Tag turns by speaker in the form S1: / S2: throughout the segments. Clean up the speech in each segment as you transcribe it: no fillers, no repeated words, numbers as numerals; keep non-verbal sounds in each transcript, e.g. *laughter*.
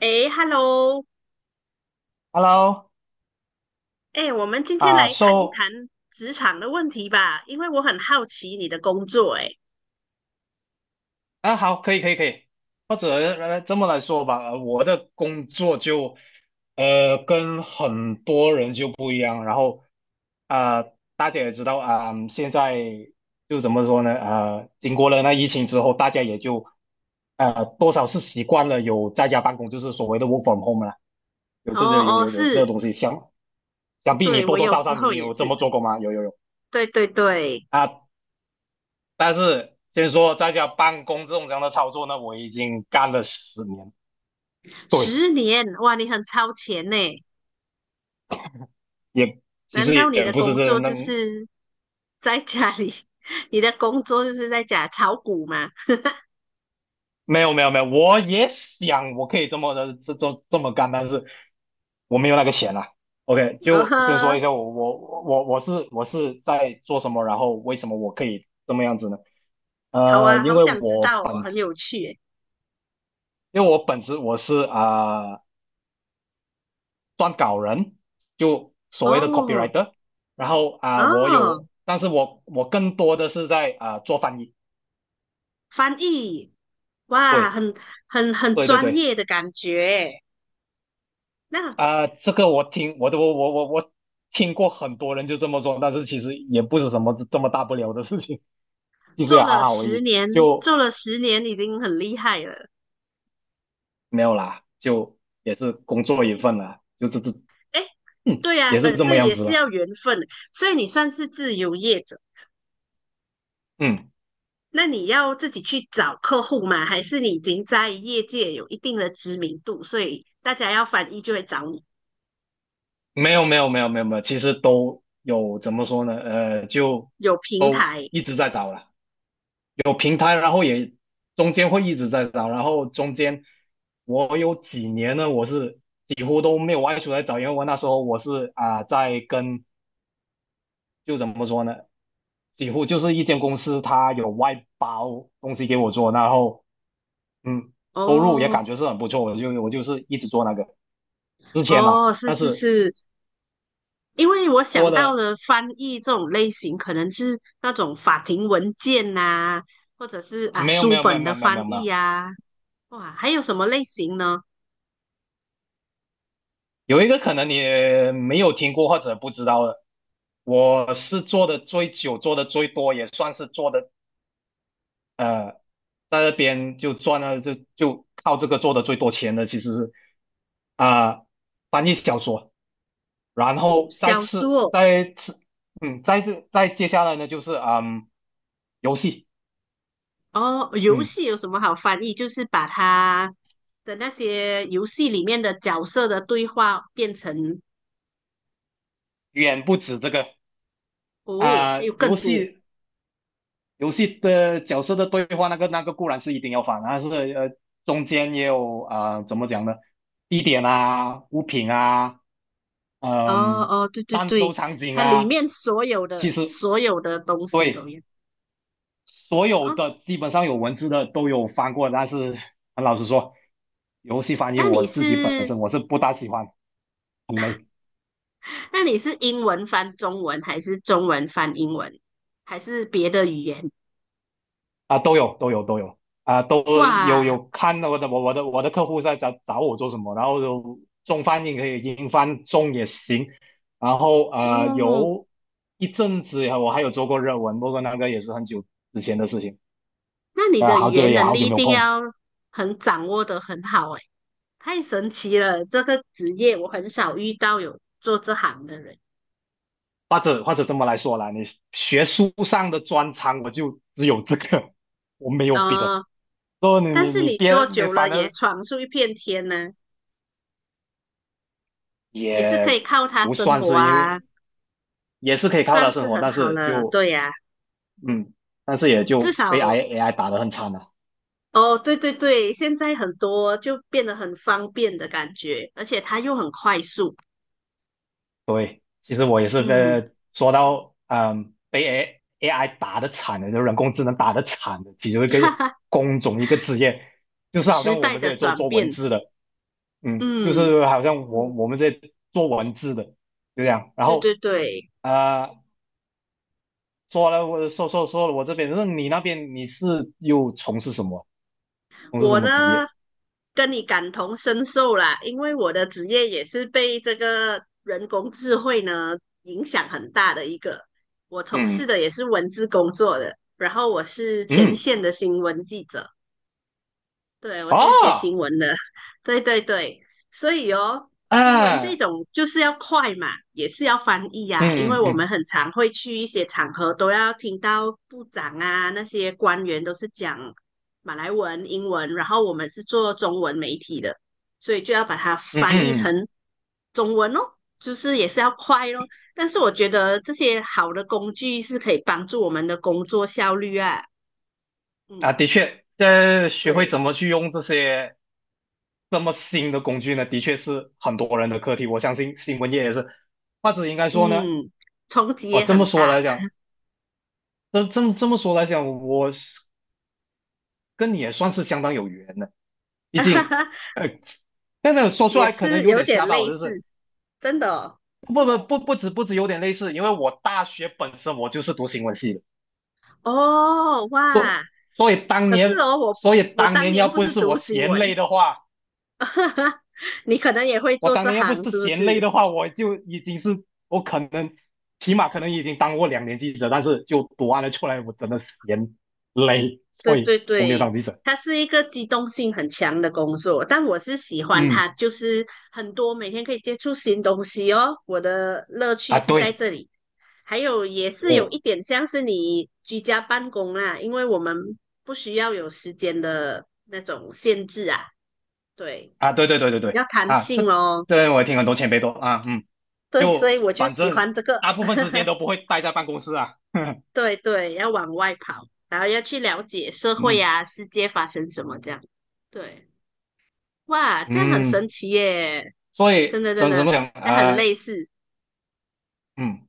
S1: 诶 hello
S2: Hello。
S1: 诶，我们今天
S2: 啊
S1: 来谈一
S2: ，so
S1: 谈职场的问题吧，因为我很好奇你的工作，诶，
S2: 好，可以，可以，可以。或者这么来说吧，我的工作就跟很多人就不一样。然后啊，大家也知道啊。现在就怎么说呢？经过了那疫情之后，大家也就多少是习惯了有在家办公，就是所谓的 work from home 了。有
S1: 哦
S2: 这些有
S1: 哦，
S2: 有有这
S1: 是，
S2: 东西，想必你
S1: 对，
S2: 多
S1: 我
S2: 多
S1: 有
S2: 少
S1: 时
S2: 少
S1: 候也
S2: 有
S1: 是，
S2: 这么做过吗？有，有，有。
S1: 对对对，
S2: 啊，但是先说在家办公这种这样的操作呢，我已经干了10年。对，
S1: 十年，哇，你很超前呢，
S2: 也其
S1: 难
S2: 实
S1: 道你
S2: 也
S1: 的
S2: 不是
S1: 工
S2: 这
S1: 作
S2: 那。
S1: 就是 *laughs* 在家里，*laughs* 你的工作就是在家炒股吗？
S2: 没有，没有，没有。我也想我可以这么的这这这么干，但是我没有那个钱啊。OK，
S1: 呃
S2: 就先说
S1: 呵，
S2: 一下我是在做什么，然后为什么我可以这么样子呢？
S1: 好
S2: 呃，
S1: 啊，
S2: 因
S1: 好
S2: 为
S1: 想知
S2: 我
S1: 道哦，
S2: 本
S1: 很有趣诶，
S2: 因为我本职我是撰稿人，就所谓的
S1: 哦
S2: copywriter。然后
S1: 哦，
S2: 但是我更多的是在做翻译。
S1: 翻译，哇，
S2: 对，
S1: 很很
S2: 对，对，
S1: 专
S2: 对。
S1: 业的感觉。那
S2: 这个我听我都我我我听过很多人就这么说，但是其实也不是什么这么大不了的事情。*laughs* 就实也
S1: 做
S2: 还
S1: 了
S2: 好而
S1: 十
S2: 已，
S1: 年，做
S2: 就
S1: 了十年已经很厉害了。
S2: 没有啦。就也是工作一份啦。就这这
S1: 哎，
S2: 嗯
S1: 对呀、
S2: 也是这么
S1: 对，
S2: 样
S1: 也
S2: 子
S1: 是
S2: 了。
S1: 要缘分，所以你算是自由业者。
S2: 嗯。
S1: 那你要自己去找客户吗？还是你已经在业界有一定的知名度，所以大家要翻译就会找你？
S2: 没有，没有，没有，没有，没有。其实都有，怎么说呢？就
S1: 有平
S2: 都
S1: 台。
S2: 一直在找了。有平台，然后也中间会一直在找。然后中间我有几年呢，我是几乎都没有外出来找。因为我那时候我是在跟，就怎么说呢，几乎就是一间公司它有外包东西给我做，然后收入也感
S1: 哦
S2: 觉是很不错。我就是一直做那个之前啦。
S1: 哦，是
S2: 但
S1: 是
S2: 是
S1: 是，因为我
S2: 过
S1: 想到
S2: 了
S1: 的翻译这种类型，可能是那种法庭文件呐、或者是啊
S2: 没有，没
S1: 书
S2: 有，没有，
S1: 本
S2: 没
S1: 的
S2: 有，没有，没
S1: 翻
S2: 有，没
S1: 译
S2: 有。
S1: 啊。哇，还有什么类型呢？
S2: 有一个可能你没有听过或者不知道的。我是做的最久、做的最多，也算是做的，呃，在那边就赚了。就靠这个做的最多钱的，其实是啊、翻译小说。然
S1: 哦，
S2: 后再
S1: 小
S2: 次
S1: 说。
S2: 再次嗯，再次再接下来呢就是游戏。
S1: 哦，游
S2: 嗯。
S1: 戏有什么好翻译？就是把它的那些游戏里面的角色的对话变成。
S2: 远不止这个。
S1: 哦，还
S2: 啊、
S1: 有更
S2: 游
S1: 多。
S2: 戏游戏的角色的对话，那个固然是一定要反，但是中间也有怎么讲呢，地点啊、物品啊，
S1: 哦
S2: 嗯、
S1: 哦，对对
S2: 战斗
S1: 对，
S2: 场景
S1: 它里
S2: 啊，
S1: 面所有
S2: 其
S1: 的
S2: 实。
S1: 所有的东西都
S2: 对。
S1: 有。
S2: 所有
S1: 哦。
S2: 的基本上有文字的都有翻过。但是很老实说，游戏翻译
S1: 那你
S2: 我自己本
S1: 是
S2: 身我是不大喜欢，很累。
S1: 那你是英文翻中文，还是中文翻英文，还是别的语言？
S2: 啊，都有，都有，都有。啊，都有，
S1: 哇，
S2: 有看我的客户在找我做什么。然后有中翻译可以，英翻中也行。然后
S1: 嗯，
S2: 有一阵子我还有做过日文，不过那个也是很久之前的事情。
S1: 那你
S2: 啊，
S1: 的语
S2: 好久
S1: 言
S2: 也
S1: 能
S2: 好
S1: 力
S2: 久
S1: 一
S2: 没有
S1: 定
S2: 碰。
S1: 要很掌握的很好诶。太神奇了！这个职业我很少遇到有做这行的人。
S2: 或者这么来说啦，你学术上的专长我就只有这个，我没有别的。
S1: 啊、呃
S2: 说你
S1: 但
S2: 你
S1: 是
S2: 你
S1: 你做
S2: 别你
S1: 久了
S2: 反
S1: 也
S2: 正
S1: 闯出一片天呢，也是可
S2: 也
S1: 以靠它
S2: 不
S1: 生
S2: 算
S1: 活
S2: 是，因
S1: 啊，
S2: 为也是可以靠它
S1: 算
S2: 生
S1: 是
S2: 活，
S1: 很
S2: 但
S1: 好
S2: 是
S1: 了。
S2: 就，
S1: 对呀、
S2: 嗯，但是也
S1: 至
S2: 就
S1: 少。
S2: 被 AI 打得很惨了。
S1: 哦，对对对，现在很多就变得很方便的感觉，而且它又很快速。
S2: 其实我也是
S1: 嗯，
S2: 在说到被 AI 打得惨的，就人工智能打得惨的其中一
S1: *laughs*
S2: 个
S1: 哈哈，
S2: 工种，一个职业，就是好
S1: 时
S2: 像我
S1: 代
S2: 们
S1: 的
S2: 这里做
S1: 转
S2: 做文
S1: 变。
S2: 字的。嗯，就
S1: 嗯，
S2: 是好像我们在做文字的，就这样。然
S1: 对对
S2: 后
S1: 对。
S2: 啊呃，说了我这边，那你那边是又从事什么？从事什
S1: 我
S2: 么
S1: 呢
S2: 职业？
S1: 跟你感同身受啦，因为我的职业也是被这个人工智慧呢影响很大的一个。我从事
S2: 嗯
S1: 的也是文字工作的，然后我是前
S2: 嗯，
S1: 线的新闻记者。对，我是写新
S2: 啊
S1: 闻的，*laughs* 对对对，所以哦，新闻这
S2: 啊，
S1: 种就是要快嘛，也是要翻译啊，因为
S2: 嗯嗯，
S1: 我们
S2: 嗯
S1: 很常会去一些场合都要听到部长啊那些官员都是讲马来文、英文，然后我们是做中文媒体的，所以就要把它
S2: 嗯，
S1: 翻
S2: 嗯
S1: 译
S2: 嗯，
S1: 成中文哦，就是也是要快咯。但是我觉得这些好的工具是可以帮助我们的工作效率啊，
S2: 啊。
S1: 嗯，
S2: 的确，在学会
S1: 对。
S2: 怎么去用这些这么新的工具呢，的确是很多人的课题。我相信新闻业也是，或者应该说呢，
S1: 嗯，冲击
S2: 哦，
S1: 也
S2: 这么
S1: 很
S2: 说
S1: 大。
S2: 来讲，这么说来讲，我是跟你也算是相当有缘的。毕竟，
S1: *laughs*
S2: 呃，但是说出
S1: 也
S2: 来可能
S1: 是
S2: 有
S1: 有
S2: 点
S1: 点
S2: 吓到我
S1: 类
S2: 就
S1: 似，
S2: 是
S1: 真的哦。
S2: 不止有点类似，因为我大学本身我就是读新闻系的。
S1: 哦哇，
S2: 所所以当
S1: 可是
S2: 年，
S1: 哦，我我当年
S2: 要
S1: 不
S2: 不
S1: 是
S2: 是
S1: 读
S2: 我
S1: 新
S2: 嫌
S1: 闻，
S2: 累的话，
S1: *laughs* 你可能也会
S2: 我
S1: 做
S2: 当
S1: 这
S2: 年要不
S1: 行，
S2: 是
S1: 是不
S2: 嫌累
S1: 是？
S2: 的话，我就已经是，我可能起码可能已经当过2年记者。但是就读完了出来，我真的嫌累，
S1: 对
S2: 所以
S1: 对
S2: 我没有
S1: 对，
S2: 当记者。
S1: 它是一个机动性很强的工作，但我是喜欢它，
S2: 嗯。
S1: 就是很多每天可以接触新东西哦。我的乐
S2: 啊
S1: 趣是在
S2: 对，
S1: 这里，还有也是有
S2: 哦
S1: 一点像是你居家办公啦，因为我们不需要有时间的那种限制啊，对，
S2: 啊，对，对，对，
S1: 就
S2: 对，
S1: 比
S2: 对，
S1: 较弹
S2: 啊。
S1: 性哦。
S2: 这我也听很多前辈都。
S1: 对，所以
S2: 就
S1: 我就
S2: 反
S1: 喜
S2: 正
S1: 欢这个，
S2: 大部分时间
S1: *laughs*
S2: 都不会待在办公室啊。*laughs*
S1: 对对，要往外跑，然后要去了解社会
S2: 嗯
S1: 啊、世界发生什么这样，对。哇，这样很神
S2: 嗯，
S1: 奇耶！
S2: 所
S1: 真
S2: 以
S1: 的真
S2: 怎
S1: 的，
S2: 么讲？
S1: 那很类似。
S2: 嗯，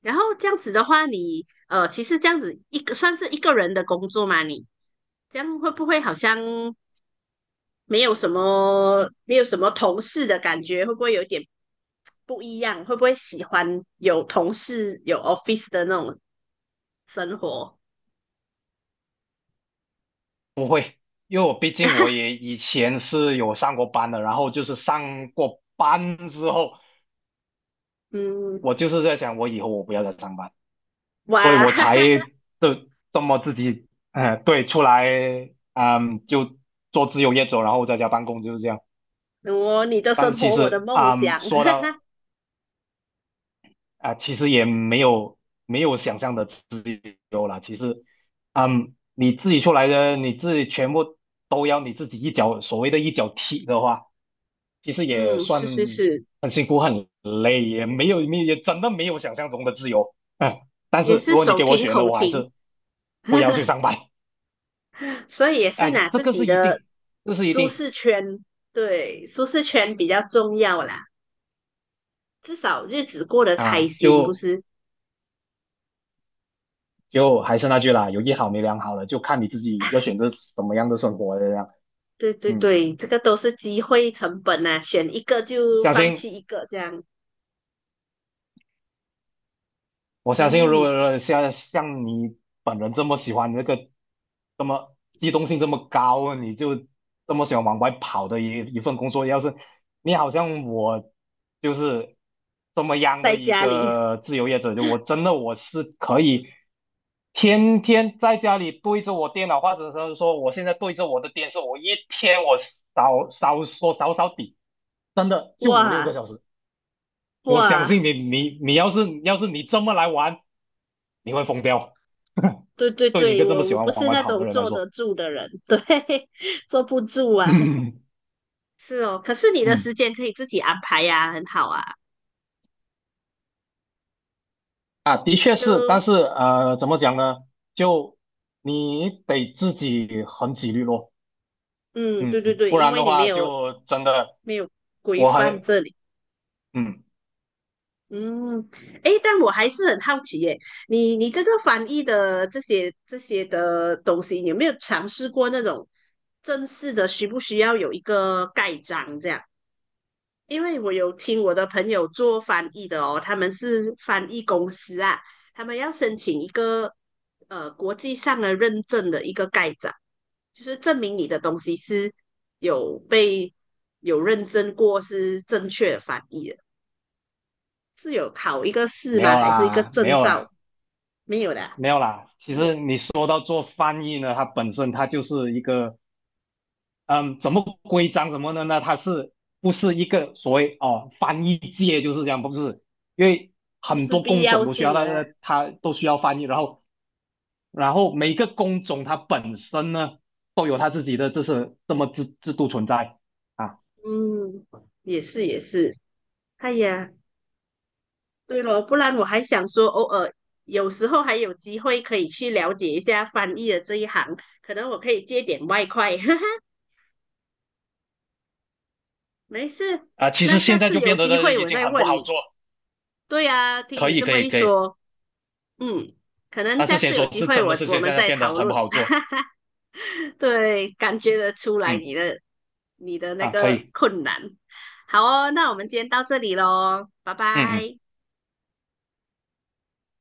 S1: 然后这样子的话你，其实这样子一个算是一个人的工作嘛，你这样会不会好像没有什么同事的感觉？会不会有点不一样？会不会喜欢有同事有 office 的那种生活？
S2: 不会，因为我毕竟我
S1: *laughs*
S2: 也以前是有上过班的，然后就是上过班之后，
S1: 嗯，
S2: 我就是在想，我以后我不要再上班，所以
S1: 哇，
S2: 我才
S1: *laughs*
S2: 这这么自己，对，出来。嗯，就做自由业者，然后在家办公就是这样。
S1: 我你的
S2: 但是
S1: 生
S2: 其
S1: 活，我的
S2: 实，
S1: 梦想。
S2: 说
S1: *laughs*
S2: 到啊，其实也没有想象的自由啦。其实，你自己出来的，你自己全部都要你自己一脚，所谓的一脚踢的话，其实也
S1: 嗯，
S2: 算
S1: 是是是，
S2: 很辛苦、很累，也没有没也真的没有想象中的自由。嗯，但是
S1: 也是
S2: 如果你
S1: 手
S2: 给我
S1: 停
S2: 选的，
S1: 口
S2: 我还
S1: 停。
S2: 是不要去
S1: *laughs*
S2: 上班。
S1: 所以也是
S2: 哎，
S1: 拿
S2: 这
S1: 自
S2: 个
S1: 己
S2: 是一
S1: 的
S2: 定，这是一
S1: 舒
S2: 定
S1: 适圈，对，舒适圈比较重要啦，至少日子过得开
S2: 啊。
S1: 心，不
S2: 就
S1: 是？
S2: 就还是那句啦，有一好没两好了，就看你自己要选择什么样的生活了这样。
S1: 对对
S2: 嗯，
S1: 对，这个都是机会成本啊，选一个就
S2: 小
S1: 放弃
S2: 信
S1: 一个这样。
S2: 我相信，如
S1: 嗯，
S2: 果像你本人这么喜欢这个，这么机动性这么高，你就这么喜欢往外跑的一份工作，要是你好像我，就是这么样的
S1: 在
S2: 一
S1: 家里，
S2: 个自由业者，就我真的我是可以天天在家里对着我电脑，或者是说我现在对着我的电视，我一天少少说少少底，真的就五六个
S1: 哇
S2: 小时。我相
S1: 哇，
S2: 信你，你要是，你这么来玩，你会疯掉。*laughs*
S1: 对对
S2: 对你一
S1: 对，
S2: 个这么
S1: 我
S2: 喜
S1: 我
S2: 欢
S1: 不
S2: 往
S1: 是
S2: 外
S1: 那
S2: 跑的
S1: 种
S2: 人来
S1: 坐得
S2: 说。
S1: 住的人，对，*laughs* 坐不住
S2: *laughs*
S1: 啊。
S2: 嗯
S1: 是哦，可是你的
S2: 嗯
S1: 时间可以自己安排呀、很好啊。
S2: 的确是。但
S1: 就
S2: 是怎么讲呢？就你得自己很己律咯。
S1: 嗯，对对
S2: 嗯，
S1: 对，
S2: 不
S1: 因
S2: 然
S1: 为
S2: 的
S1: 你没
S2: 话
S1: 有
S2: 就真的
S1: 没有规
S2: 我
S1: 范
S2: 还
S1: 这里。
S2: 嗯
S1: 嗯，诶，但我还是很好奇耶，你这个翻译的这些的东西，你有没有尝试过那种正式的，需不需要有一个盖章这样？因为我有听我的朋友做翻译的哦，他们是翻译公司啊，他们要申请一个国际上的认证的一个盖章，就是证明你的东西是有被有认证过是正确的翻译的，是有考一个试
S2: 没
S1: 吗？
S2: 有
S1: 还是一个
S2: 啦，没
S1: 证
S2: 有啦，
S1: 照？没有的啊，
S2: 没有啦。其实你说到做翻译呢，它本身它就是一个，嗯，怎么规章什么的呢？它是不是一个所谓翻译界就是这样？不是。因为
S1: 不
S2: 很
S1: 是
S2: 多
S1: 必
S2: 工
S1: 要
S2: 种都需要
S1: 性的
S2: 它，
S1: 啊。
S2: 它都需要翻译。然后每个工种它本身呢都有它自己的这是这么制制度存在啊。
S1: 嗯，也是也是。哎呀，对咯，不然我还想说，偶尔有时候还有机会可以去了解一下翻译的这一行，可能我可以借点外快。*laughs* 哈哈，没事，
S2: 啊，其
S1: 那
S2: 实
S1: 下
S2: 现在
S1: 次
S2: 就
S1: 有
S2: 变得
S1: 机
S2: 的
S1: 会
S2: 已
S1: 我
S2: 经
S1: 再
S2: 很不
S1: 问
S2: 好
S1: 你。
S2: 做。
S1: 对呀，听
S2: 可
S1: 你
S2: 以，
S1: 这
S2: 可
S1: 么
S2: 以，
S1: 一
S2: 可以。
S1: 说，嗯，可能
S2: 但是
S1: 下次
S2: 先
S1: 有
S2: 说
S1: 机
S2: 这
S1: 会
S2: 真的
S1: 我
S2: 是
S1: 我
S2: 现
S1: 们
S2: 在
S1: 再
S2: 变
S1: 讨
S2: 得很
S1: 论。
S2: 不好做。
S1: *laughs* 对，感觉得出来
S2: 嗯
S1: 你的你的那
S2: 可
S1: 个
S2: 以。
S1: 困难。好哦，那我们今天到这里喽，拜
S2: 嗯嗯。
S1: 拜。